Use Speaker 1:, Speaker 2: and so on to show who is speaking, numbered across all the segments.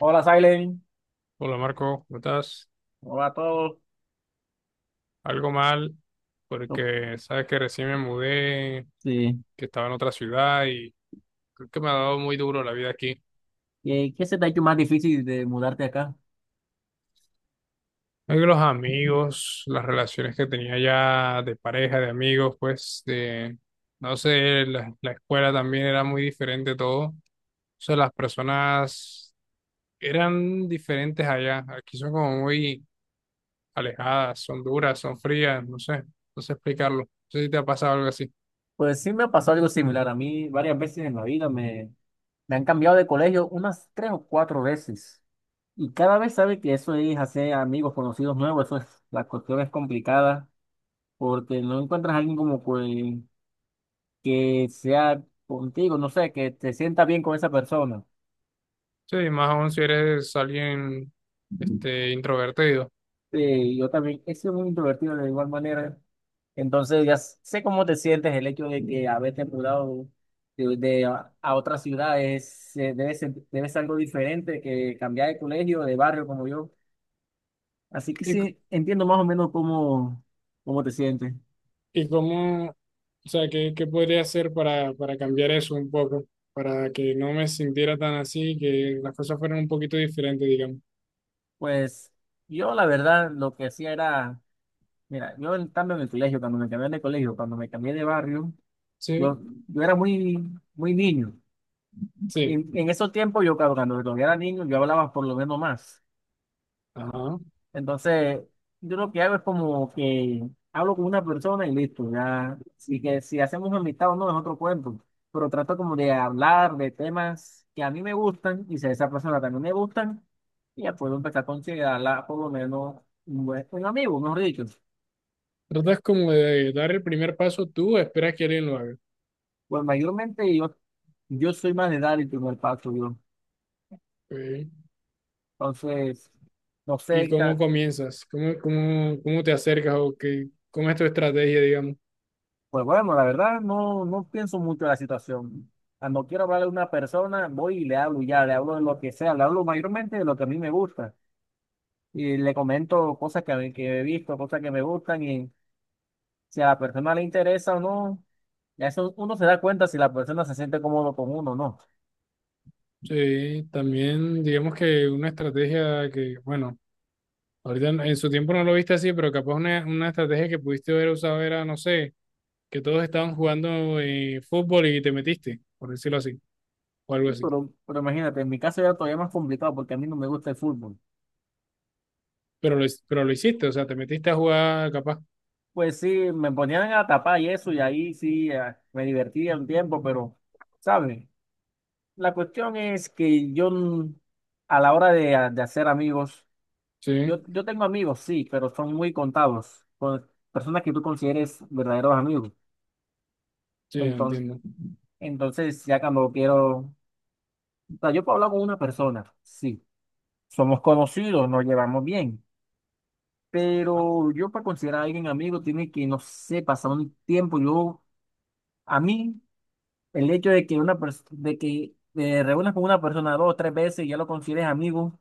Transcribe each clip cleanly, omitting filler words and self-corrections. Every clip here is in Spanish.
Speaker 1: Hola, Silent.
Speaker 2: Hola Marco, ¿cómo estás?
Speaker 1: Hola a todos.
Speaker 2: Algo mal,
Speaker 1: No.
Speaker 2: porque sabes que recién me mudé,
Speaker 1: Sí.
Speaker 2: que estaba en otra ciudad y creo que me ha dado muy duro la vida aquí.
Speaker 1: ¿Y qué se te ha hecho más difícil de mudarte acá?
Speaker 2: Creo que los amigos, las relaciones que tenía ya de pareja, de amigos, pues de, no sé, la escuela también era muy diferente todo. O sea, las personas eran diferentes allá. Aquí son como muy alejadas, son duras, son frías, no sé, no sé explicarlo. No sé si te ha pasado algo así.
Speaker 1: Pues sí me ha pasado algo similar a mí. Varias veces en la vida me han cambiado de colegio unas tres o cuatro veces. Y cada vez sabe que eso es hacer amigos, conocidos nuevos. Eso es, la cuestión es complicada porque no encuentras a alguien como que sea contigo, no sé, que te sienta bien con esa persona.
Speaker 2: Sí, más aún si eres alguien introvertido.
Speaker 1: Sí, yo también he sido muy introvertido de igual manera. Entonces ya sé cómo te sientes. El hecho de que haberte mudado a otra ciudad es, debe ser algo diferente que cambiar de colegio, de barrio como yo. Así que
Speaker 2: ¿Y, c-
Speaker 1: sí, entiendo más o menos cómo te sientes.
Speaker 2: ¿Y cómo, o sea, qué, qué podría hacer para cambiar eso un poco? Para que no me sintiera tan así, que las cosas fueran un poquito diferentes, digamos.
Speaker 1: Pues yo la verdad lo que hacía era, mira, yo en cambio en el colegio, cuando me cambié de colegio, cuando me cambié de barrio,
Speaker 2: Sí,
Speaker 1: yo, yo era muy niño. Y
Speaker 2: sí.
Speaker 1: en esos tiempos, yo, claro, cuando todavía era niño, yo hablaba por lo menos más.
Speaker 2: Ajá.
Speaker 1: Entonces, yo lo que hago es como que hablo con una persona y listo, ya. Y que si hacemos amistad o no es otro cuento. Pero trato como de hablar de temas que a mí me gustan y si a esa persona también me gustan, y ya puedo empezar a considerarla por lo menos un amigo, mejor dicho.
Speaker 2: Tratas como de dar el primer paso tú, esperas que alguien lo haga.
Speaker 1: Pues mayormente yo soy más de dar el primer paso, yo.
Speaker 2: Ok.
Speaker 1: Entonces, no
Speaker 2: ¿Y
Speaker 1: sé.
Speaker 2: cómo comienzas? ¿Cómo te acercas o qué, cómo es tu estrategia, digamos?
Speaker 1: Pues bueno, la verdad no pienso mucho en la situación. Cuando quiero hablarle a una persona, voy y le hablo y ya, le hablo de lo que sea, le hablo mayormente de lo que a mí me gusta y le comento cosas que he visto, cosas que me gustan y si a la persona le interesa o no, ya eso uno se da cuenta si la persona se siente cómodo con uno o no.
Speaker 2: Sí, también digamos que una estrategia que, bueno. Ahorita en su tiempo no lo viste así, pero capaz una estrategia que pudiste haber usado era, no sé, que todos estaban jugando fútbol y te metiste, por decirlo así, o algo así.
Speaker 1: Pero imagínate, en mi caso ya todavía más complicado porque a mí no me gusta el fútbol.
Speaker 2: Pero lo hiciste, o sea, te metiste a jugar capaz.
Speaker 1: Pues sí, me ponían a tapar y eso y ahí sí me divertía un tiempo, pero, ¿sabes? La cuestión es que yo, a la hora de hacer amigos,
Speaker 2: Sí,
Speaker 1: yo tengo amigos, sí, pero son muy contados, con personas que tú consideres verdaderos amigos.
Speaker 2: sí,
Speaker 1: Entonces,
Speaker 2: entiendo.
Speaker 1: entonces ya cuando quiero, o sea, yo puedo hablar con una persona, sí, somos conocidos, nos llevamos bien, pero yo para considerar a alguien amigo tiene que, no sé, pasar un tiempo. Yo, a mí, el hecho de que de que te reúnas con una persona dos o tres veces y ya lo consideres amigo.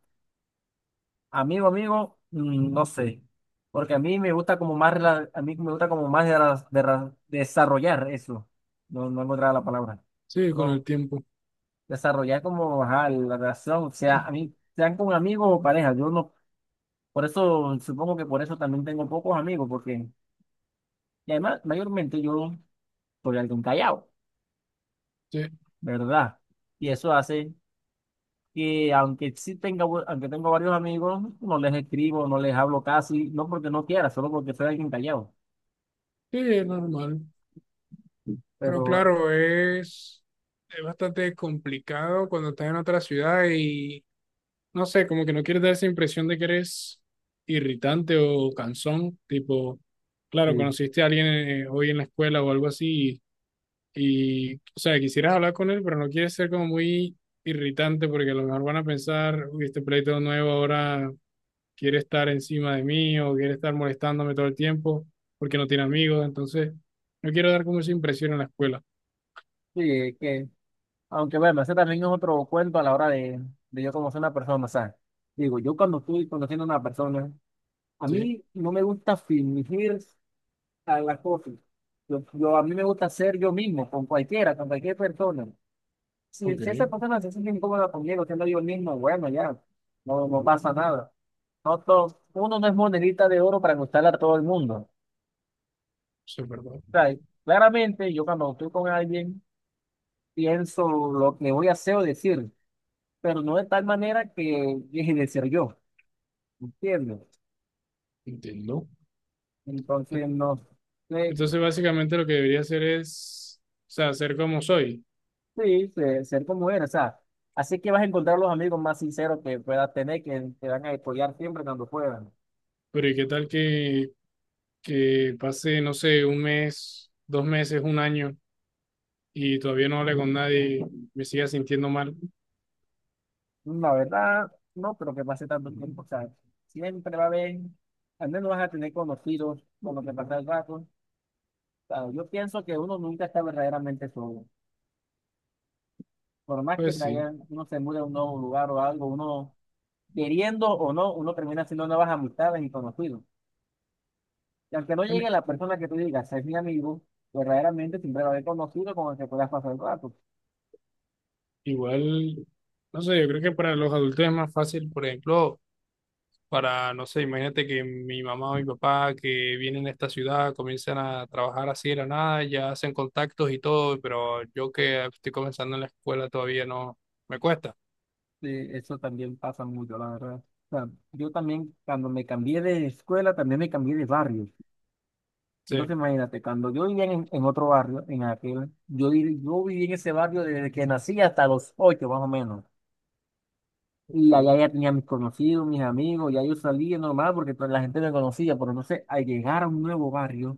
Speaker 1: Amigo, amigo, no sé, porque a mí me gusta como más, a mí me gusta como más de desarrollar eso, no, no encontraba la palabra,
Speaker 2: Sí, con el
Speaker 1: no,
Speaker 2: tiempo.
Speaker 1: desarrollar como, ajá, la relación, o sea, a mí, sean con amigos o pareja, yo no, por eso, supongo que por eso también tengo pocos amigos, porque, y además, mayormente yo soy alguien callado,
Speaker 2: Sí,
Speaker 1: ¿verdad? Y eso hace que, aunque sí aunque tengo varios amigos, no les escribo, no les hablo casi, no porque no quiera, solo porque soy alguien callado.
Speaker 2: sí, es normal. Pero
Speaker 1: Pero
Speaker 2: claro, es bastante complicado cuando estás en otra ciudad y no sé, como que no quieres dar esa impresión de que eres irritante o cansón, tipo, claro,
Speaker 1: sí,
Speaker 2: conociste a alguien hoy en la escuela o algo así y, o sea, quisieras hablar con él, pero no quieres ser como muy irritante porque a lo mejor van a pensar, uy, este pleito nuevo ahora quiere estar encima de mí o quiere estar molestándome todo el tiempo porque no tiene amigos, entonces no quiero dar como esa impresión en la escuela.
Speaker 1: sí, es que, aunque bueno, ese también es otro cuento a la hora de yo conocer a una persona, o sea, digo, yo cuando estoy conociendo a una persona, a
Speaker 2: Sí,
Speaker 1: mí no me gusta fingir a las cosas, a mí me gusta ser yo mismo, con cualquiera, con cualquier persona,
Speaker 2: ok,
Speaker 1: si esa
Speaker 2: eso
Speaker 1: persona se siente incómoda conmigo, siendo yo mismo, bueno, ya, no, no pasa nada, uno no es monedita de oro para gustarle a todo el mundo, o
Speaker 2: es verdad,
Speaker 1: sea, claramente yo cuando estoy con alguien, pienso lo que voy a hacer o decir, pero no de tal manera que deje de ser yo, ¿entiendes?
Speaker 2: entiendo.
Speaker 1: Entonces, no sé,
Speaker 2: Entonces, básicamente lo que debería hacer es, o sea, ser como soy.
Speaker 1: sí, ser como eres, o sea, así que vas a encontrar los amigos más sinceros que puedas tener, que te van a apoyar siempre cuando puedan.
Speaker 2: Pero ¿y qué tal que pase, no sé, un mes, dos meses, un año y todavía no hable con nadie y me siga sintiendo mal?
Speaker 1: La verdad, no creo que pase tanto tiempo, o sea, siempre va a haber, al menos vas a tener conocidos con lo que pasa el rato. O sea, yo pienso que uno nunca está verdaderamente solo. Por más que
Speaker 2: Pues sí.
Speaker 1: uno se mude a un nuevo lugar o algo, uno queriendo o no, uno termina haciendo nuevas amistades y conocidos. Y aunque no
Speaker 2: Bueno,
Speaker 1: llegue la persona que tú digas, es mi amigo, verdaderamente siempre lo haber conocido con el que puedas pasar el rato.
Speaker 2: igual, no sé, yo creo que para los adultos es más fácil, por ejemplo, para, no sé, imagínate que mi mamá o mi papá que vienen a esta ciudad comienzan a trabajar así de la nada, ya hacen contactos y todo, pero yo que estoy comenzando en la escuela todavía no me cuesta.
Speaker 1: Sí, eso también pasa mucho, la verdad. O sea, yo también, cuando me cambié de escuela, también me cambié de barrio.
Speaker 2: Sí.
Speaker 1: Entonces, imagínate, cuando yo vivía en otro barrio, en aquel, yo viví en ese barrio desde que nací hasta los ocho, más o menos. Y allá
Speaker 2: Sí.
Speaker 1: ya tenía mis conocidos, mis amigos, ya yo salía normal porque toda la gente me conocía, pero entonces, al llegar a un nuevo barrio,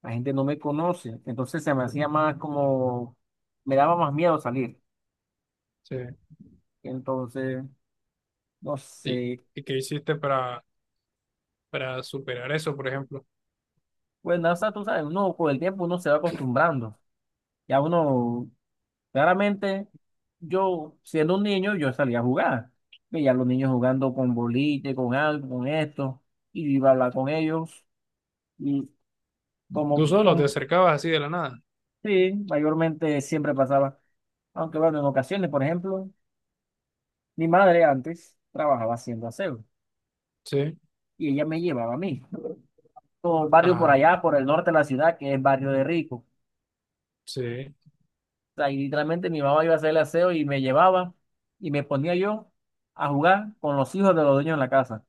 Speaker 1: la gente no me conoce, entonces se me hacía más como, me daba más miedo salir.
Speaker 2: Sí.
Speaker 1: Entonces, no
Speaker 2: ¿Y,
Speaker 1: sé,
Speaker 2: y qué hiciste para superar eso, por ejemplo?
Speaker 1: pues nada, o sea, tú sabes, uno con el tiempo uno se va acostumbrando. Ya uno, claramente, yo siendo un niño, yo salía a jugar. Veía a los niños jugando con boliche, con algo, con esto, y yo iba a hablar con ellos. Y
Speaker 2: ¿Tú
Speaker 1: como,
Speaker 2: solo te
Speaker 1: como,
Speaker 2: acercabas así de la nada?
Speaker 1: sí, mayormente siempre pasaba. Aunque bueno, en ocasiones, por ejemplo, mi madre antes trabajaba haciendo aseo.
Speaker 2: Sí.
Speaker 1: Y ella me llevaba a mí. Todo el barrio por
Speaker 2: Ajá,
Speaker 1: allá, por el norte de la ciudad, que es barrio de rico.
Speaker 2: sí.
Speaker 1: O sea, y literalmente mi mamá iba a hacer el aseo y me llevaba y me ponía yo a jugar con los hijos de los dueños en la casa,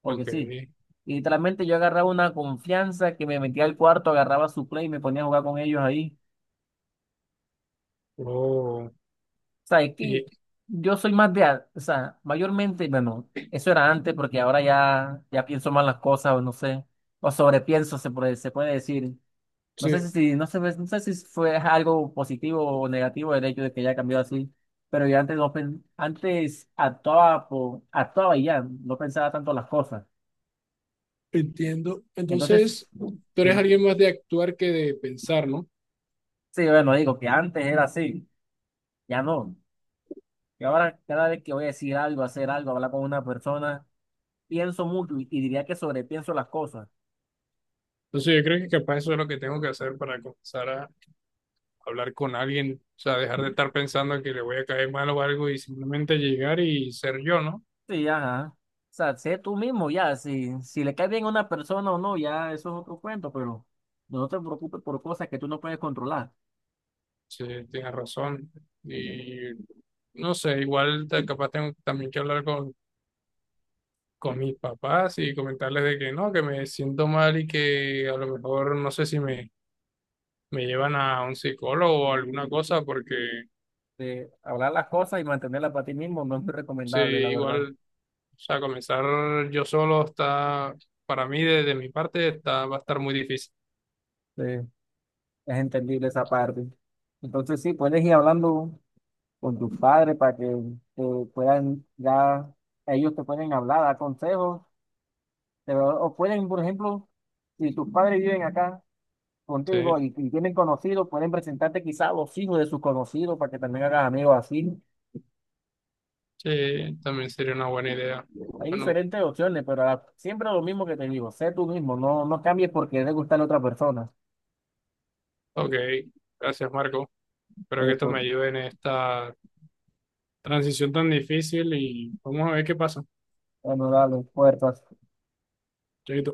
Speaker 1: porque
Speaker 2: Ok.
Speaker 1: sí. Y literalmente yo agarraba una confianza que me metía al cuarto, agarraba su play y me ponía a jugar con ellos ahí.
Speaker 2: Oh,
Speaker 1: O sea, es que
Speaker 2: y,
Speaker 1: yo soy más de, o sea, mayormente, bueno, eso era antes porque ahora ya, ya pienso mal las cosas o no sé, o sobrepienso se puede decir. No sé si,
Speaker 2: sí,
Speaker 1: si, no sé, no sé si fue algo positivo o negativo el hecho de que ya cambió así, pero yo antes, no pen- antes actuaba, por, actuaba y ya, no pensaba tanto las cosas.
Speaker 2: entiendo. Entonces,
Speaker 1: Entonces,
Speaker 2: tú eres
Speaker 1: sí,
Speaker 2: alguien más de actuar que de pensar, ¿no?
Speaker 1: sí, bueno, digo que antes era así, ya no. Y ahora cada vez que voy a decir algo, hacer algo, hablar con una persona, pienso mucho y diría que sobrepienso las cosas.
Speaker 2: Entonces, yo creo que capaz eso es lo que tengo que hacer para comenzar a hablar con alguien, o sea, dejar de estar pensando que le voy a caer mal o algo y simplemente llegar y ser yo, ¿no?
Speaker 1: Sí, ajá. O sea, sé tú mismo ya, si le cae bien a una persona o no, ya eso es otro cuento, pero no te preocupes por cosas que tú no puedes controlar.
Speaker 2: Sí, tienes razón. Y no sé, capaz tengo también que hablar con mis papás y comentarles de que no, que me siento mal y que a lo mejor no sé si me, me llevan a un psicólogo o alguna cosa, porque
Speaker 1: De hablar las cosas y mantenerlas para ti mismo no es muy
Speaker 2: sí,
Speaker 1: recomendable, la verdad.
Speaker 2: igual, o sea, comenzar yo solo está, para mí, desde mi parte, está, va a estar muy difícil.
Speaker 1: Sí, es entendible esa parte. Entonces, sí, puedes ir hablando con tus padres para que te puedan, ya ellos te pueden hablar, dar consejos, o pueden, por ejemplo, si tus padres viven acá contigo
Speaker 2: Sí,
Speaker 1: y tienen conocidos, pueden presentarte quizás a los hijos de sus conocidos para que también hagas amigos así.
Speaker 2: sí, también sería una buena idea.
Speaker 1: Hay
Speaker 2: Bueno,
Speaker 1: diferentes opciones, pero siempre lo mismo que te digo, sé tú mismo, no, no cambies porque le gusta a la otra persona.
Speaker 2: ok, gracias Marco. Espero que esto me
Speaker 1: Esto.
Speaker 2: ayude en esta transición tan difícil y vamos a ver qué pasa.
Speaker 1: Honorar a los puertas.
Speaker 2: Chaito.